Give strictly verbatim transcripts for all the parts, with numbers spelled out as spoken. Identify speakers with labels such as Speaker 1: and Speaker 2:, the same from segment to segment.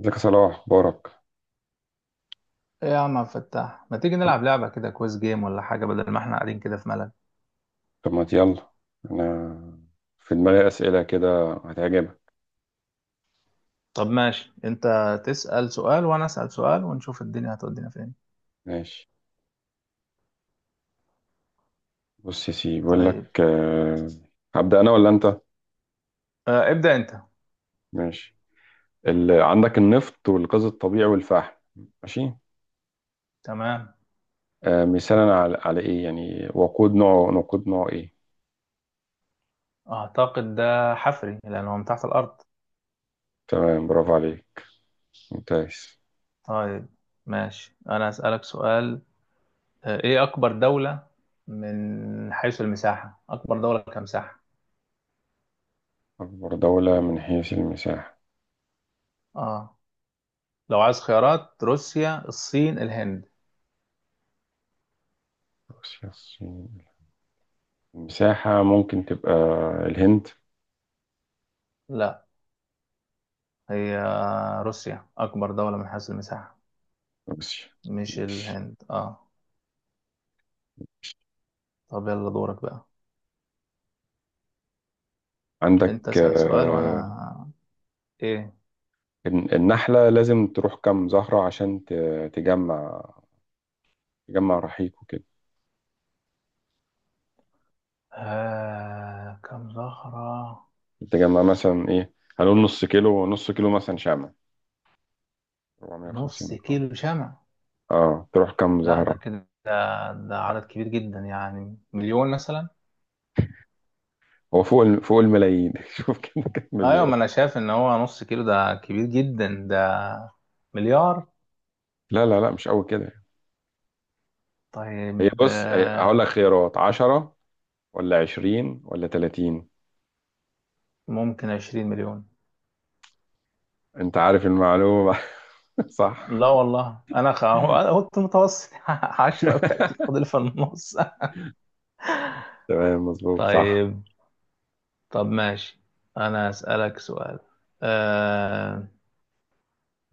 Speaker 1: ازيك يا صلاح اخبارك؟
Speaker 2: ايه يا عم عبد الفتاح، ما تيجي نلعب لعبة كده، كويس جيم ولا حاجة بدل ما احنا قاعدين كده في ملل؟
Speaker 1: طب ما يلا. انا في دماغي اسئله كده هتعجبك.
Speaker 2: طب ماشي، انت تسأل سؤال وانا أسأل سؤال ونشوف الدنيا هتودينا فين.
Speaker 1: ماشي. بص يا سيدي بقول
Speaker 2: طيب
Speaker 1: لك آه، هبدا انا ولا انت؟
Speaker 2: آه، ابدأ انت.
Speaker 1: ماشي. ال... عندك النفط والغاز الطبيعي والفحم. ماشي.
Speaker 2: تمام،
Speaker 1: آه، مثالا على... على ايه يعني وقود نوع نقود نوع ايه؟
Speaker 2: اعتقد ده حفري لان هو من تحت الارض.
Speaker 1: تمام، برافو عليك، ممتاز.
Speaker 2: طيب ماشي، انا أسألك سؤال. آه، ايه اكبر دولة من حيث المساحة، اكبر دولة كمساحة؟
Speaker 1: اكبر دوله من حيث المساحه
Speaker 2: اه، لو عايز خيارات: روسيا، الصين، الهند.
Speaker 1: روسيا الصين؟ المساحه ممكن تبقى الهند،
Speaker 2: لا، هي روسيا اكبر دولة من حيث المساحة،
Speaker 1: روسيا.
Speaker 2: مش الهند. اه طب يلا دورك بقى.
Speaker 1: عندك
Speaker 2: انت اسأل سؤال
Speaker 1: آه،
Speaker 2: وانا ايه.
Speaker 1: الن- النحلة لازم تروح كام زهرة عشان ت- تجمع، تجمع رحيق وكده.
Speaker 2: آه... كم زهرة؟
Speaker 1: تجمع مثلا ايه؟ هنقول نص كيلو، نص كيلو مثلا شمع،
Speaker 2: نص
Speaker 1: اربعمية وخمسين جرام.
Speaker 2: كيلو شمع؟
Speaker 1: اه، تروح كام
Speaker 2: لا
Speaker 1: زهرة؟
Speaker 2: ده كده ده عدد كبير جدا، يعني مليون مثلا.
Speaker 1: هو فوق ال- فوق الملايين. شوف كده كام
Speaker 2: ايوه
Speaker 1: مليون.
Speaker 2: ما انا شايف ان هو نص كيلو ده كبير جدا ده، مليار.
Speaker 1: لا لا لا، مش قوي كده. هي
Speaker 2: طيب
Speaker 1: بص هي- هقول
Speaker 2: آه...
Speaker 1: لك خيارات، عشرة ولا عشرين ولا تلاتين؟
Speaker 2: ممكن عشرين مليون.
Speaker 1: انت عارف المعلومة. صح.
Speaker 2: لا والله، انا خ... هو- انا كنت متوسط عشرة وتلاتين فاضل في النص.
Speaker 1: تمام، مظبوط صح.
Speaker 2: طيب، طب ماشي انا اسألك سؤال. آه...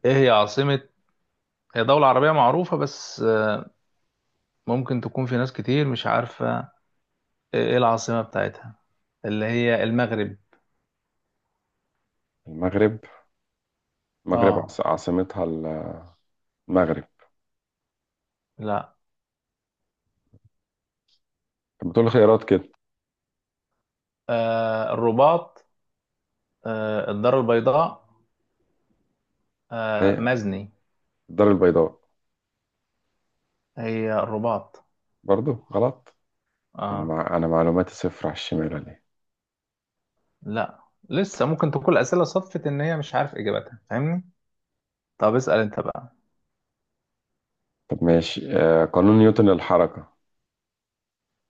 Speaker 2: ايه هي عاصمة، هي دولة عربية معروفة بس ممكن تكون في ناس كتير مش عارفة ايه العاصمة بتاعتها، اللي هي المغرب؟
Speaker 1: المغرب، المغرب
Speaker 2: اه.
Speaker 1: عاص- عاصمتها ال- المغرب.
Speaker 2: لا.
Speaker 1: طب بتقول خيارات كده.
Speaker 2: آه الرباط، آه الدار البيضاء، آه
Speaker 1: هي
Speaker 2: مزني.
Speaker 1: الدار البيضاء.
Speaker 2: هي الرباط.
Speaker 1: برضو غلط؟ انا
Speaker 2: اه
Speaker 1: مع... انا معلوماتي صفر على الشمال ولا ايه؟
Speaker 2: لا، لسه ممكن تكون الأسئلة صدفت إن هي مش عارف إجابتها، فاهمني. طب اسأل أنت بقى.
Speaker 1: طب ماشي، آه، قانون نيوتن للحركة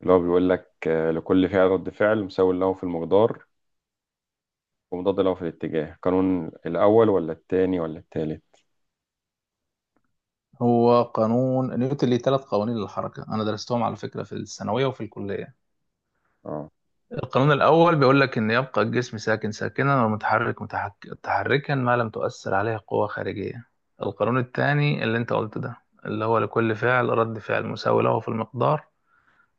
Speaker 1: اللي هو بيقول لك آه لكل فعل رد فعل مساوي له في المقدار ومضاد له في الاتجاه، قانون الاول ولا التاني ولا التالت؟
Speaker 2: هو قانون نيوتن ليه ثلاث قوانين للحركة، أنا درستهم على فكرة في الثانوية وفي الكلية.
Speaker 1: اه،
Speaker 2: القانون الأول بيقول لك إن يبقى الجسم ساكن ساكنا ومتحرك متحك... متحركا ما لم تؤثر عليه قوة خارجية. القانون الثاني اللي أنت قلته ده، اللي هو لكل فعل رد فعل مساوي له في المقدار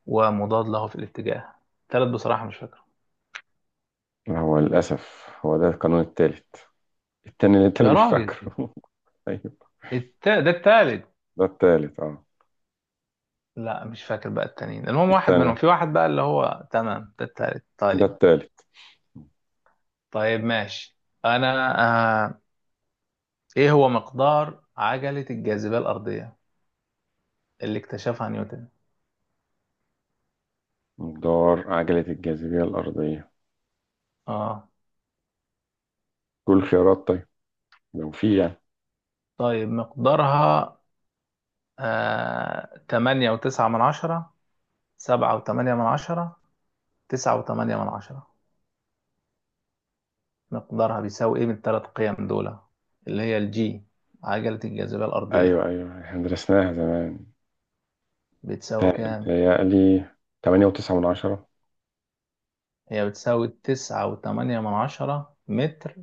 Speaker 2: ومضاد له في الاتجاه. التالت بصراحة مش فاكره.
Speaker 1: هو للاسف هو ده القانون التالت، التاني اللي انت اللي
Speaker 2: يا
Speaker 1: مش
Speaker 2: راجل.
Speaker 1: فاكره. ايوه،
Speaker 2: الت... ده التالت.
Speaker 1: ده التالت اه،
Speaker 2: لا مش فاكر بقى التانيين، المهم واحد منهم
Speaker 1: التاني
Speaker 2: في واحد بقى اللي هو تمام ده التالت.
Speaker 1: ده
Speaker 2: طيب،
Speaker 1: التالت.
Speaker 2: طيب ماشي. أنا آه... إيه هو مقدار عجلة الجاذبية الأرضية اللي اكتشفها نيوتن؟
Speaker 1: مقدار عجلة الجاذبية الأرضية
Speaker 2: اه.
Speaker 1: كل خيارات طيب لو في يعني.
Speaker 2: طيب مقدارها، آه تمانية وتسعة من عشرة، سبعة وتمانية من عشرة، تسعة وتمانية من عشرة؟ مقدارها بيساوي ايه من التلات قيم دول، اللي هي الجي، عجلة الجاذبية الأرضية،
Speaker 1: ايوه ايوه، احنا درسناها زمان.
Speaker 2: بتساوي كام؟
Speaker 1: تهيألي تمانية وتسعة من عشرة.
Speaker 2: هي بتساوي تسعة وتمانية من عشرة متر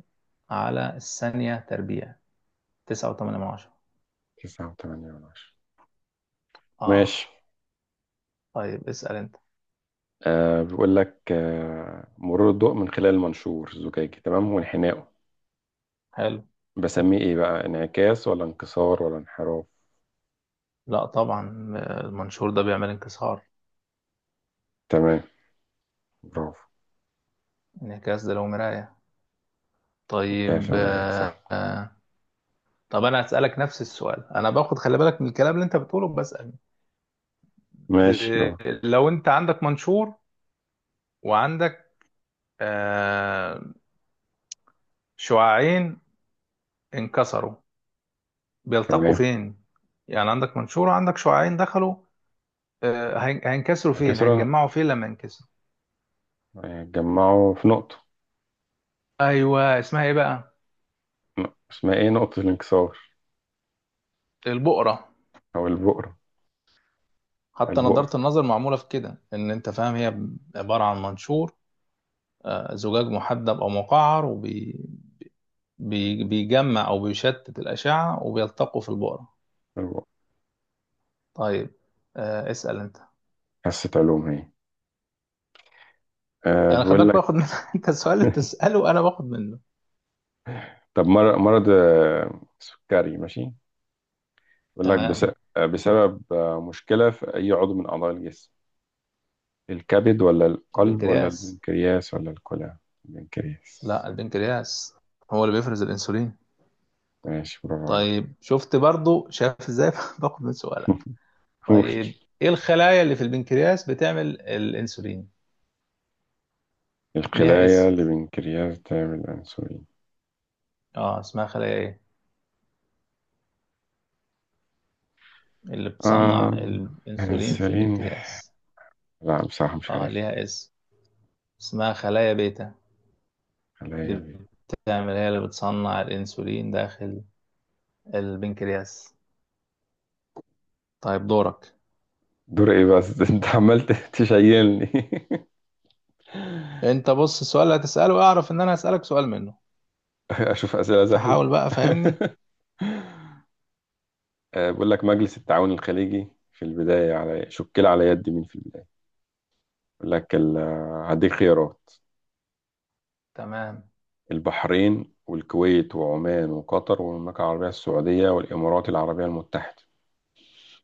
Speaker 2: على الثانية تربيع. تسعة وتمانية من عشرة.
Speaker 1: تسعة وتمانية من عشرة.
Speaker 2: اه.
Speaker 1: ماشي.
Speaker 2: طيب اسأل انت.
Speaker 1: آه بيقول لك آه مرور الضوء من خلال المنشور الزجاجي، تمام، وانحنائه،
Speaker 2: حلو.
Speaker 1: بسميه ايه بقى، انعكاس ولا انكسار ولا انحراف؟
Speaker 2: لا طبعا، آه، المنشور ده بيعمل انكسار.
Speaker 1: تمام، برافو.
Speaker 2: انعكاس ده لو مراية.
Speaker 1: انعكاس
Speaker 2: طيب
Speaker 1: يا مايا، صح.
Speaker 2: آه، طب انا هسألك نفس السؤال، انا باخد، خلي بالك من الكلام اللي انت بتقوله بسأل. د-
Speaker 1: ماشي أه،
Speaker 2: لو انت عندك منشور وعندك آه شعاعين انكسروا، بيلتقوا
Speaker 1: تمام.
Speaker 2: فين؟ يعني عندك منشور وعندك شعاعين دخلوا، آه هين- هينكسروا فين،
Speaker 1: انكسرة
Speaker 2: هيتجمعوا فين لما ينكسروا؟
Speaker 1: آه، جمعوا في نقطة.
Speaker 2: ايوه اسمها ايه بقى؟
Speaker 1: ن- اسمها ايه، نقطة الانكسار
Speaker 2: البؤرة.
Speaker 1: او البؤرة؟
Speaker 2: حتى
Speaker 1: البؤرة.
Speaker 2: نظارة النظر معمولة في كده، ان انت فاهم، هي عبارة عن منشور، آه زجاج محدب او مقعر، بي- بيجمع او بيشتت الاشعه وبيلتقوا في البقره.
Speaker 1: البؤرة.
Speaker 2: طيب آه اسال انت.
Speaker 1: حصة علوم هي. آه
Speaker 2: انا خلي
Speaker 1: بيقول
Speaker 2: بالك
Speaker 1: لك،
Speaker 2: باخد من انت السؤال اللي بتساله انا باخد منه.
Speaker 1: طب مر- مرض آه، سكري ماشي، يقول لك بس-
Speaker 2: تمام.
Speaker 1: آه، بسبب آه، مشكلة في أي عضو من أعضاء الجسم، الكبد ولا القلب ولا
Speaker 2: البنكرياس.
Speaker 1: البنكرياس ولا الكلى؟ البنكرياس.
Speaker 2: لا البنكرياس هو اللي بيفرز الانسولين.
Speaker 1: ماشي، برافو عليك.
Speaker 2: طيب شفت، برضو شايف ازاي باخد من سؤالك.
Speaker 1: قول.
Speaker 2: طيب ايه الخلايا اللي في البنكرياس بتعمل الانسولين؟ ليها
Speaker 1: الخلايا
Speaker 2: اسم.
Speaker 1: البنكرياس تعمل الأنسولين؟
Speaker 2: اه اسمها خلايا ايه، اللي بتصنع
Speaker 1: آم
Speaker 2: الانسولين في
Speaker 1: أنسولين،
Speaker 2: البنكرياس؟
Speaker 1: لا بصراحة مش
Speaker 2: اه
Speaker 1: عارف.
Speaker 2: ليها اسم، اسمها خلايا بيتا.
Speaker 1: خلايا
Speaker 2: دي
Speaker 1: بي-
Speaker 2: بتعمل، هي اللي بتصنع الانسولين داخل البنكرياس. طيب دورك.
Speaker 1: دور إيه بس؟ أنت عمال تشيلني.
Speaker 2: انت بص السؤال اللي هتسأله، اعرف ان انا هسألك سؤال منه،
Speaker 1: أشوف أسئلة سهلة.
Speaker 2: فحاول بقى فهمني.
Speaker 1: آه، بقول لك مجلس التعاون الخليجي في البداية على شكل على يد مين في البداية، يقول لك ال- هديك خيارات،
Speaker 2: تمام.
Speaker 1: البحرين والكويت وعمان وقطر والمملكة العربية السعودية والإمارات العربية المتحدة،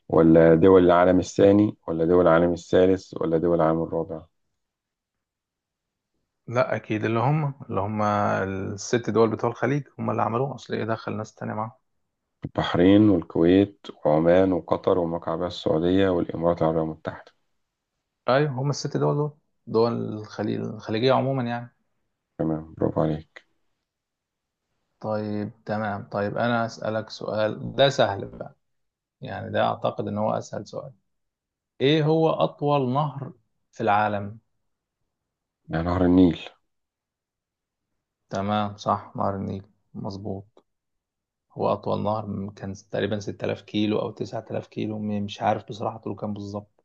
Speaker 1: ولا دول العالم الثاني ولا دول العالم الثالث ولا دول العالم الرابع؟
Speaker 2: لا اكيد، اللي هم، اللي هم الست دول بتوع الخليج هم اللي عملوه، اصل ايه دخل ناس تانية معاهم؟
Speaker 1: البحرين والكويت وعمان وقطر والمملكة العربية السعودية والإمارات العربية المتحدة.
Speaker 2: ايوه هم الست دول دول، دول الخليج الخليجية عموما يعني.
Speaker 1: تمام، برافو عليك.
Speaker 2: طيب تمام، طيب انا هسألك سؤال ده سهل بقى، يعني ده اعتقد ان هو اسهل سؤال. ايه هو اطول نهر في العالم؟
Speaker 1: يا نهر النيل.
Speaker 2: تمام صح، نهر النيل، مظبوط. هو أطول نهر، م- كان تقريبا ستة آلاف كيلو أو تسعة آلاف كيلو، م- مش عارف بصراحة طوله كام بالظبط،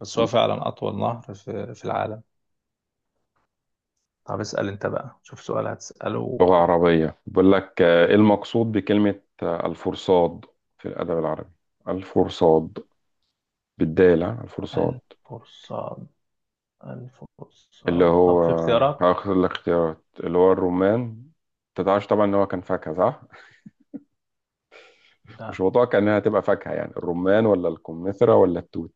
Speaker 2: بس هو فعلا أطول نهر في, في العالم. طب اسأل أنت بقى، شوف سؤال هتسأله.
Speaker 1: لغة عربية، بقول لك آه، إيه المقصود بكلمة آه، الفرصاد في الأدب العربي، الفرصاد، بالدالة الفرصاد،
Speaker 2: الفرصاد.
Speaker 1: اللي
Speaker 2: الفرصاد،
Speaker 1: هو
Speaker 2: طب في اختيارات؟
Speaker 1: هاخد الاختيارات اللي هو الرمان، انت تعرفش طبعا ان هو كان فاكهة صح؟
Speaker 2: لا.
Speaker 1: مش متوقع انها هتبقى فاكهة، يعني الرمان ولا الكمثرى ولا التوت؟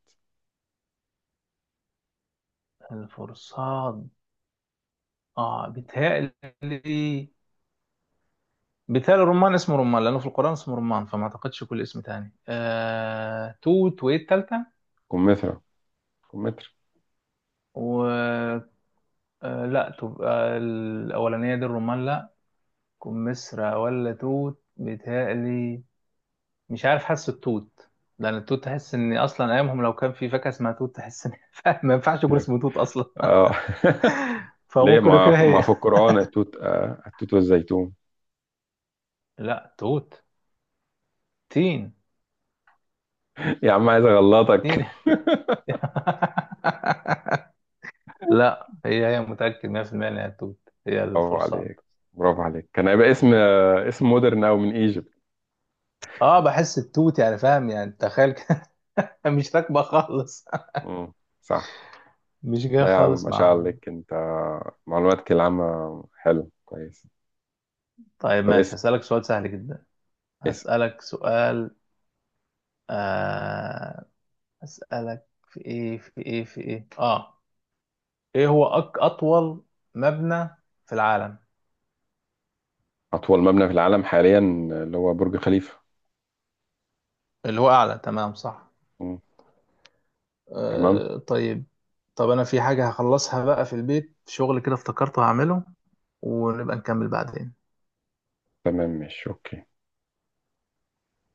Speaker 2: الفرصاد، آه بيتهيألي، بيتهيألي الرمان، اسمه رمان لأنه في القرآن اسمه رمان، فما أعتقدش. كل اسم تاني، آه... توت، وإيه التالتة؟
Speaker 1: كمثرى، كمثرى.
Speaker 2: آه لا، تبقى الأولانية دي الرمان لا، تكون مسرة ولا توت بيتهيألي. مش عارف، حاسس التوت، لأن التوت تحس إن أصلا أيامهم لو كان في فاكهة اسمها توت تحس إن ما ينفعش يكون
Speaker 1: Yeah.
Speaker 2: اسمه توت أصلا.
Speaker 1: اه. ليه
Speaker 2: فممكن
Speaker 1: ما
Speaker 2: يكون
Speaker 1: في- ما
Speaker 2: هي.
Speaker 1: في القرآن التوت، آه التوت والزيتون.
Speaker 2: لا توت، تين.
Speaker 1: يا عم عايز اغلطك.
Speaker 2: تين. لا هي، هي، متأكد مية في المية إنها توت، هي
Speaker 1: برافو
Speaker 2: الفرصاد.
Speaker 1: عليك، برافو عليك، كان هيبقى اسم آه، اسم مودرن او من ايجيبت.
Speaker 2: اه بحس التوت، يعني فاهم، يعني تخيل كده مش راكبة خالص،
Speaker 1: مم، صح.
Speaker 2: مش جاية
Speaker 1: لا يا عم،
Speaker 2: خالص
Speaker 1: ما شاء الله
Speaker 2: معاهم.
Speaker 1: عليك انت، معلوماتك العامة حلو كويس.
Speaker 2: طيب
Speaker 1: طب
Speaker 2: ماشي، هسألك سؤال سهل جدا.
Speaker 1: اسم
Speaker 2: هسألك سؤال. آه هسألك في ايه، في ايه، في ايه، اه ايه هو أك اطول مبنى في العالم؟
Speaker 1: أطول مبنى في العالم حاليا، اللي هو برج خليفة.
Speaker 2: اللي هو اعلى، تمام صح.
Speaker 1: مم. تمام.
Speaker 2: آه طيب. طب انا في حاجة هخلصها بقى في البيت، شغل كده افتكرته هعمله، ونبقى نكمل بعدين.
Speaker 1: تمام، ماشي، أوكي.